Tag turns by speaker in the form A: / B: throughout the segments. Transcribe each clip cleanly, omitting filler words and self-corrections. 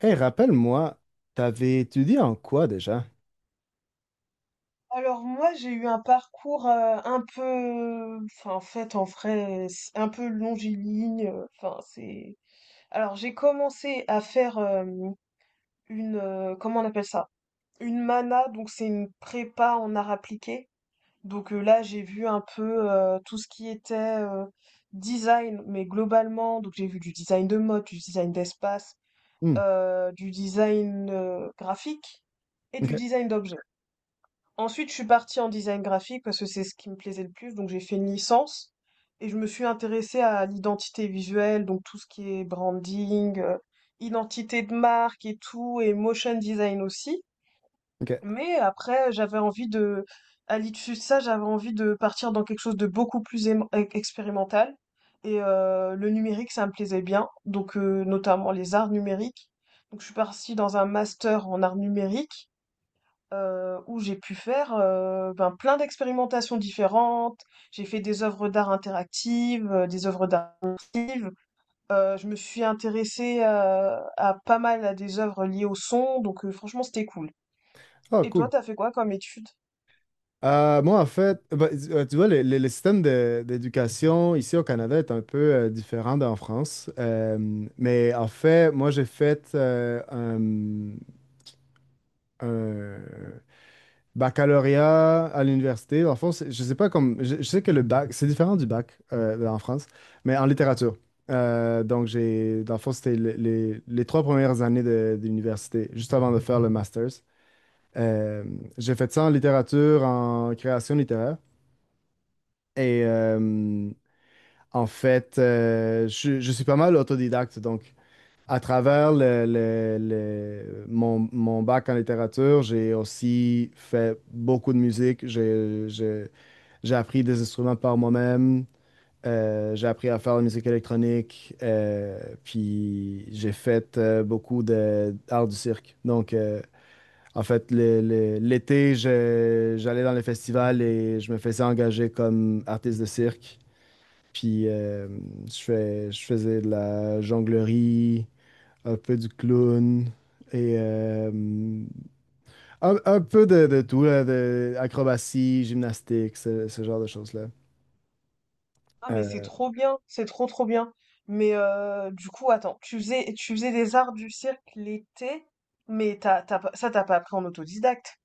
A: Hey, rappelle-moi, t'avais étudié en quoi déjà?
B: Alors moi, j'ai eu un parcours, un peu enfin, en fait, en vrai, c'est un peu longiligne, enfin, c'est alors j'ai commencé à faire, une, comment on appelle ça? Une MANA, donc c'est une prépa en arts appliqués. Donc, là, j'ai vu un peu, tout ce qui était, design, mais globalement, donc j'ai vu du design de mode, du design d'espace,
A: Hmm,
B: du design, graphique et du
A: ok,
B: design d'objets. Ensuite, je suis partie en design graphique parce que c'est ce qui me plaisait le plus, donc j'ai fait une licence et je me suis intéressée à l'identité visuelle, donc tout ce qui est branding, identité de marque et tout, et motion design aussi.
A: ok.
B: Mais après, j'avais envie de, à l'issue de ça, j'avais envie de partir dans quelque chose de beaucoup plus expérimental. Le numérique, ça me plaisait bien, donc notamment les arts numériques. Donc je suis partie dans un master en arts numériques où j'ai pu faire ben, plein d'expérimentations différentes. J'ai fait des œuvres d'art interactives, des œuvres d'art immersives. Je me suis intéressée à pas mal à des œuvres liées au son, donc franchement c'était cool.
A: Oh,
B: Et toi,
A: cool.
B: t'as fait quoi comme étude?
A: Moi, en fait, bah, tu vois, le d'éducation ici au Canada est un peu différent d'en France. Mais en fait, moi, j'ai fait un- baccalauréat à l'université. En le fond, je sais pas comme. Je sais que le bac, c'est différent du bac en France, mais en littérature. Donc, j'ai, dans le fond, c'était les trois premières années d'université, juste avant de faire le master's. Euh, j'ai fait ça en littérature, en création littéraire. Et en fait, je suis pas mal autodidacte. Donc, à travers mon bac en littérature, j'ai aussi fait beaucoup de musique. J'ai appris des instruments par moi-même. J'ai appris à faire de la musique électronique. Puis j'ai fait beaucoup de d'art du cirque. Donc, en fait, l'été, j'allais dans les festivals et je me faisais engager comme artiste de cirque. Puis je faisais de la jonglerie, un peu du clown et un peu de tout, là, de acrobatie, gymnastique, ce genre de choses-là.
B: Ah mais c'est
A: Euh,
B: trop bien, c'est trop trop bien. Mais du coup, attends, tu faisais des arts du cirque l'été, mais t'as, t'as pas- ça t'as pas appris en autodidacte.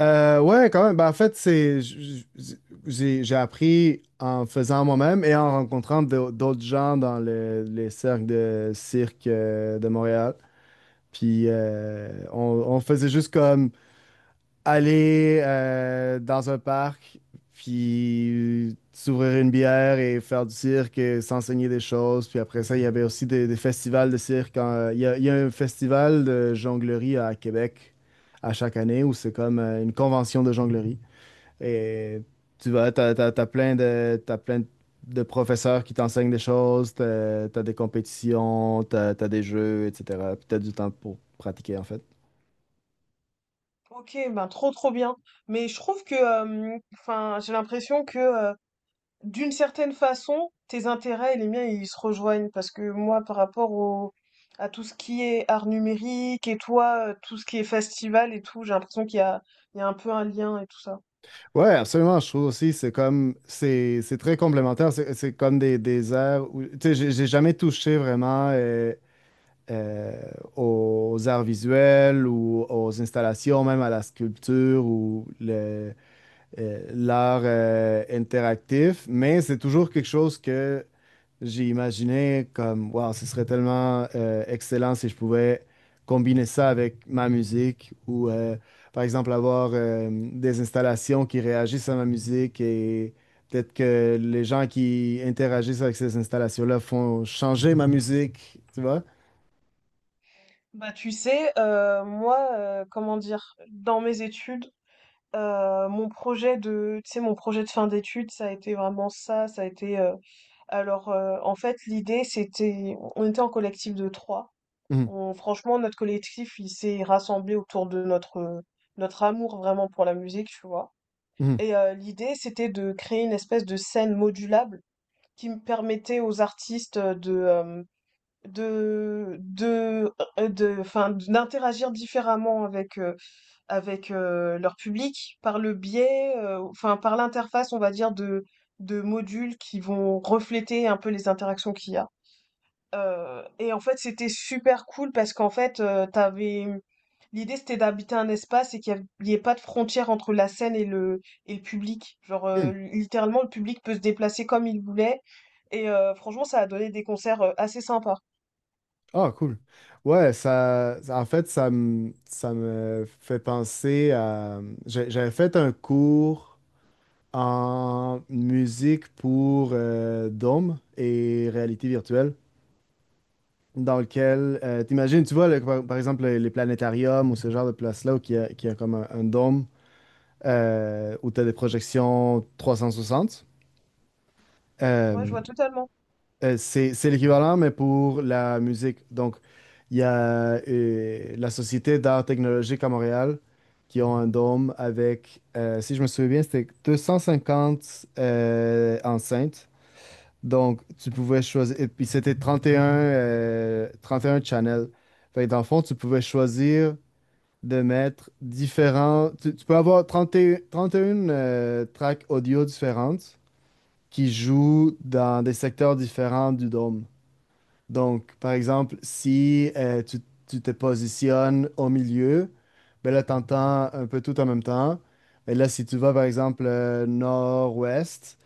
A: Ouais, quand même. Ben, en fait, j'ai appris en faisant moi-même et en rencontrant d'autres gens dans les cercles de cirque de Montréal. Puis on faisait juste comme aller dans un parc, puis s'ouvrir une bière et faire du cirque et s'enseigner des choses. Puis après ça, il y avait aussi des festivals de cirque. Il y a un festival de jonglerie à Québec à chaque année où c'est comme une convention de jonglerie. Et t'as plein de professeurs qui t'enseignent des choses, t'as des compétitions, t'as des jeux, etc. Puis t'as du temps pour pratiquer, en fait.
B: Ok, ben trop trop bien. Mais je trouve que, enfin, j'ai l'impression que d'une certaine façon, tes intérêts et les miens, ils se rejoignent parce que moi, par rapport au, à tout ce qui est art numérique et toi, tout ce qui est festival et tout, j'ai l'impression il y a un peu un lien et tout ça.
A: Ouais, absolument. Je trouve aussi, c'est comme, c'est très complémentaire. C'est comme des arts où, tu sais, j'ai jamais touché vraiment euh, aux arts visuels ou aux installations, même à la sculpture ou l'art interactif, mais c'est toujours quelque chose que j'ai imaginé comme, wow, ce serait tellement excellent si je pouvais combiner ça avec ma musique ou, par exemple, avoir des installations qui réagissent à ma musique et peut-être que les gens qui interagissent avec ces installations-là font changer ma musique, tu vois?
B: Bah, tu sais, moi, comment dire, dans mes études, mon projet de, tu sais, mon projet de fin d'études, ça a été vraiment ça, ça a été, en fait, l'idée, c'était, on était en collectif de trois.
A: Mhm,
B: On- franchement, notre collectif, il s'est rassemblé autour de notre, notre amour vraiment pour la musique, tu vois. Et l'idée, c'était de créer une espèce de scène modulable qui me permettait aux artistes de, de, enfin, d'interagir différemment avec, leur public par le biais, enfin, par l'interface, on va dire, de modules qui vont refléter un peu les interactions qu'il y a. Heu et en fait, c'était super cool parce qu'en fait, tu l'idée, c'était d'habiter un espace et qu'il y av ait pas de frontière entre la scène et le public. Genre,
A: mhm.
B: littéralement, le public peut se déplacer comme il voulait et franchement, ça a donné des concerts, assez sympas.
A: Ah, cool. Ouais, en fait, ça me fait penser à j'avais fait un cours en musique pour dôme et réalité virtuelle, dans lequel, t'imagines, tu vois, par exemple, les planétariums ou ce genre de place-là, où qu'il y a comme un dôme où tu as des projections 360.
B: Ouais, je
A: Euh,
B: vois totalement.
A: C'est l'équivalent, mais pour la musique. Donc, il y a la Société d'art technologique à Montréal qui ont un dôme avec, si je me souviens bien, c'était 250 enceintes. Donc, tu pouvais choisir, et puis c'était 31, 31 channels. Fait que dans le fond, tu pouvais choisir de mettre différents. Tu peux avoir 31 tracks audio différentes qui jouent dans des secteurs différents du dôme. Donc, par exemple, si tu te positionnes au milieu, ben là, tu entends un peu tout en même temps. Mais là, si tu vas, par exemple, nord-ouest,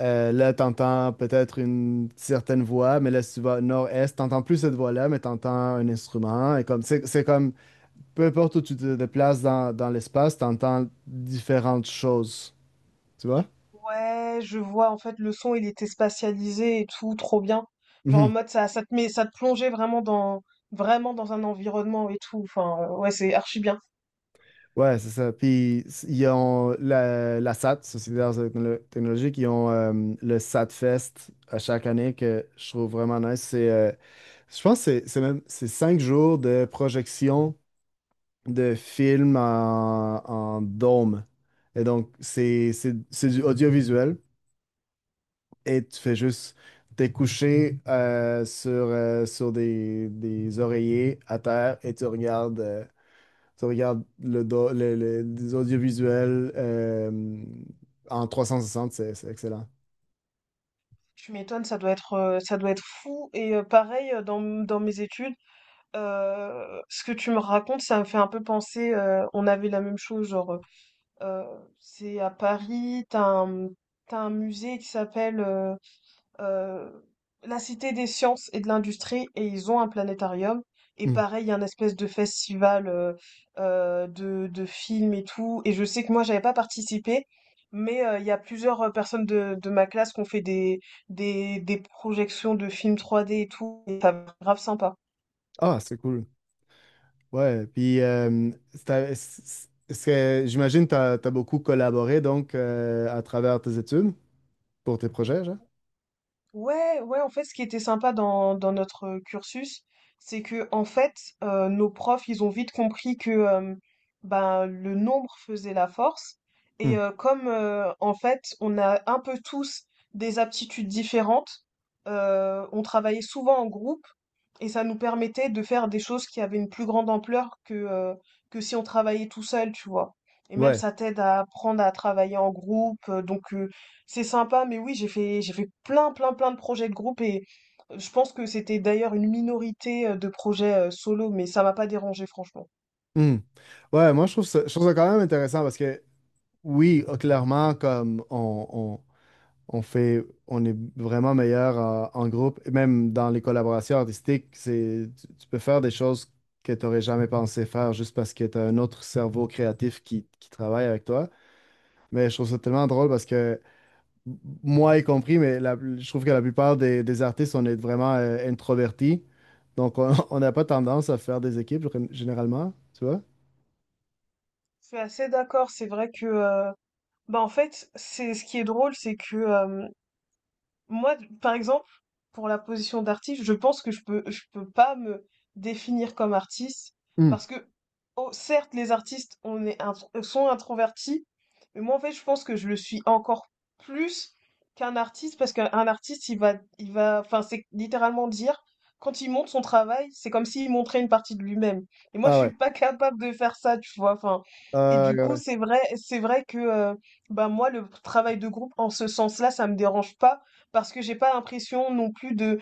A: là, tu entends peut-être une certaine voix, mais là, si tu vas nord-est, tu n'entends plus cette voix-là, mais tu entends un instrument. Et comme, c'est comme, peu importe où tu te déplaces dans l'espace, tu entends différentes choses. Tu vois?
B: Ouais, je vois, en fait, le son, il était spatialisé et tout, trop bien. Genre, en mode, ça te plongeait vraiment dans un environnement et tout. Enfin, ouais, c'est archi bien.
A: Ouais, c'est ça. Ils ont la SAT, Société d'Arts et Technologiques, ils ont le SAT Fest à chaque année que je trouve vraiment nice. C'est, je pense que c'est même c'est 5 jours de projection de films en dôme. Et donc, c'est du audiovisuel et tu fais juste t'es couché sur, sur des oreillers à terre et tu regardes. Tu regardes le, do- le- les audiovisuels en 360. C'est excellent.
B: Tu m'étonnes, ça doit être fou. Et pareil, dans mes études, ce que tu me racontes, ça me fait un peu penser, on avait la même chose, genre, euh, c'est à Paris, t'as un musée qui s'appelle euh, la Cité des Sciences et de l'Industrie et ils ont un planétarium. Et
A: Hmm.
B: pareil, il y a un espèce de festival de films et tout. Et je sais que moi, j'avais pas participé, mais il y a plusieurs personnes de ma classe qui ont fait des projections de films trois d et tout. Et ça grave sympa.
A: Ah, c'est cool. Ouais, puis j'imagine que tu as, beaucoup collaboré donc à travers tes études. Pour tes projets, genre?
B: Ouais, ouais, en fait, ce qui était sympa dans notre cursus, c'est que, en fait, nos profs, ils ont vite compris que ben, le nombre faisait la force. Et
A: Hmm.
B: en fait, on a un peu tous des aptitudes différentes, on travaillait souvent en groupe et ça nous permettait de faire des choses qui avaient une plus grande ampleur que si on travaillait tout seul, tu vois. Et même,
A: Ouais.
B: ça t'aide à apprendre à travailler en groupe. Donc, c'est sympa, mais oui, j'ai fait plein, plein, plein de projets de groupe et je pense que c'était d'ailleurs une minorité de projets solo, mais ça m'a pas dérangé, franchement.
A: Hmm. Ouais, moi, je trouve ça quand même intéressant parce que, oui, clairement, comme on est vraiment meilleur en groupe, et même dans les collaborations artistiques, tu peux faire des choses que tu n'aurais jamais pensé faire juste parce que tu as un autre cerveau créatif qui travaille avec toi. Mais je trouve ça tellement drôle parce que, moi y compris, mais je trouve que la plupart des artistes, on est vraiment introvertis. Donc, on on n'a pas tendance à faire des équipes généralement, tu vois?
B: Je suis assez d'accord, c'est vrai que, bah en fait, c'est ce qui est drôle, c'est que moi, par exemple, pour la position d'artiste, je pense que je peux pas me définir comme artiste
A: Hmm.
B: parce que, oh, certes, les artistes sont introvertis, mais moi, en fait, je pense que je le suis encore plus qu'un artiste parce qu'un un artiste, il va, enfin, c'est littéralement dire quand il montre son travail, c'est comme s'il montrait une partie de lui-même. Et moi, je
A: Ah ouais.
B: suis pas capable de faire ça, tu vois. Enfin, et du coup,
A: Ouais.
B: c'est vrai que, bah, moi, le travail de groupe, en ce sens-là, ça me dérange pas parce que j'ai pas l'impression non plus de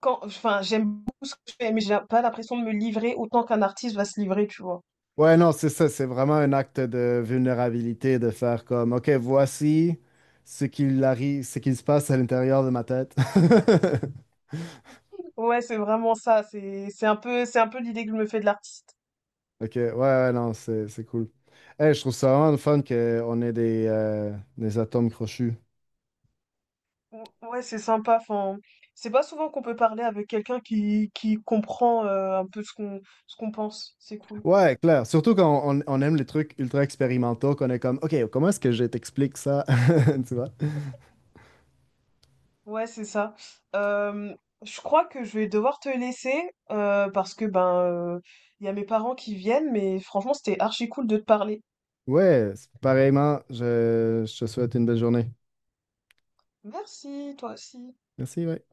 B: quand enfin, j'aime beaucoup ce que je fais, mais j'ai pas l'impression de me livrer autant qu'un artiste va se livrer, tu vois?
A: Ouais, non, c'est ça. C'est vraiment un acte de vulnérabilité de faire comme, OK, voici ce qu'il arrive, ce qu'il se passe à l'intérieur de ma tête.
B: Ouais, c'est vraiment ça, c'est un peu c'est un peu l'idée que je me fais de l'artiste.
A: OK, ouais, ouais, non, c'est cool. Hey, je trouve ça vraiment le fun qu'on ait des atomes crochus.
B: Ou- Ouais, c'est sympa, enfin, c'est pas souvent qu'on peut parler avec quelqu'un qui comprend un peu ce qu'on pense, c'est cool.
A: Ouais, clair. Surtout quand on aime les trucs ultra expérimentaux, qu'on est comme, OK, comment est-ce que je t'explique ça? Tu vois?
B: Ouais, c'est ça. Euh, je crois que je vais devoir te laisser parce que ben euh, il y a mes parents qui viennent, mais franchement, c'était archi cool de te parler.
A: Ouais, c'est pareillement, je te souhaite une belle journée.
B: Merci, toi aussi.
A: Merci, ouais.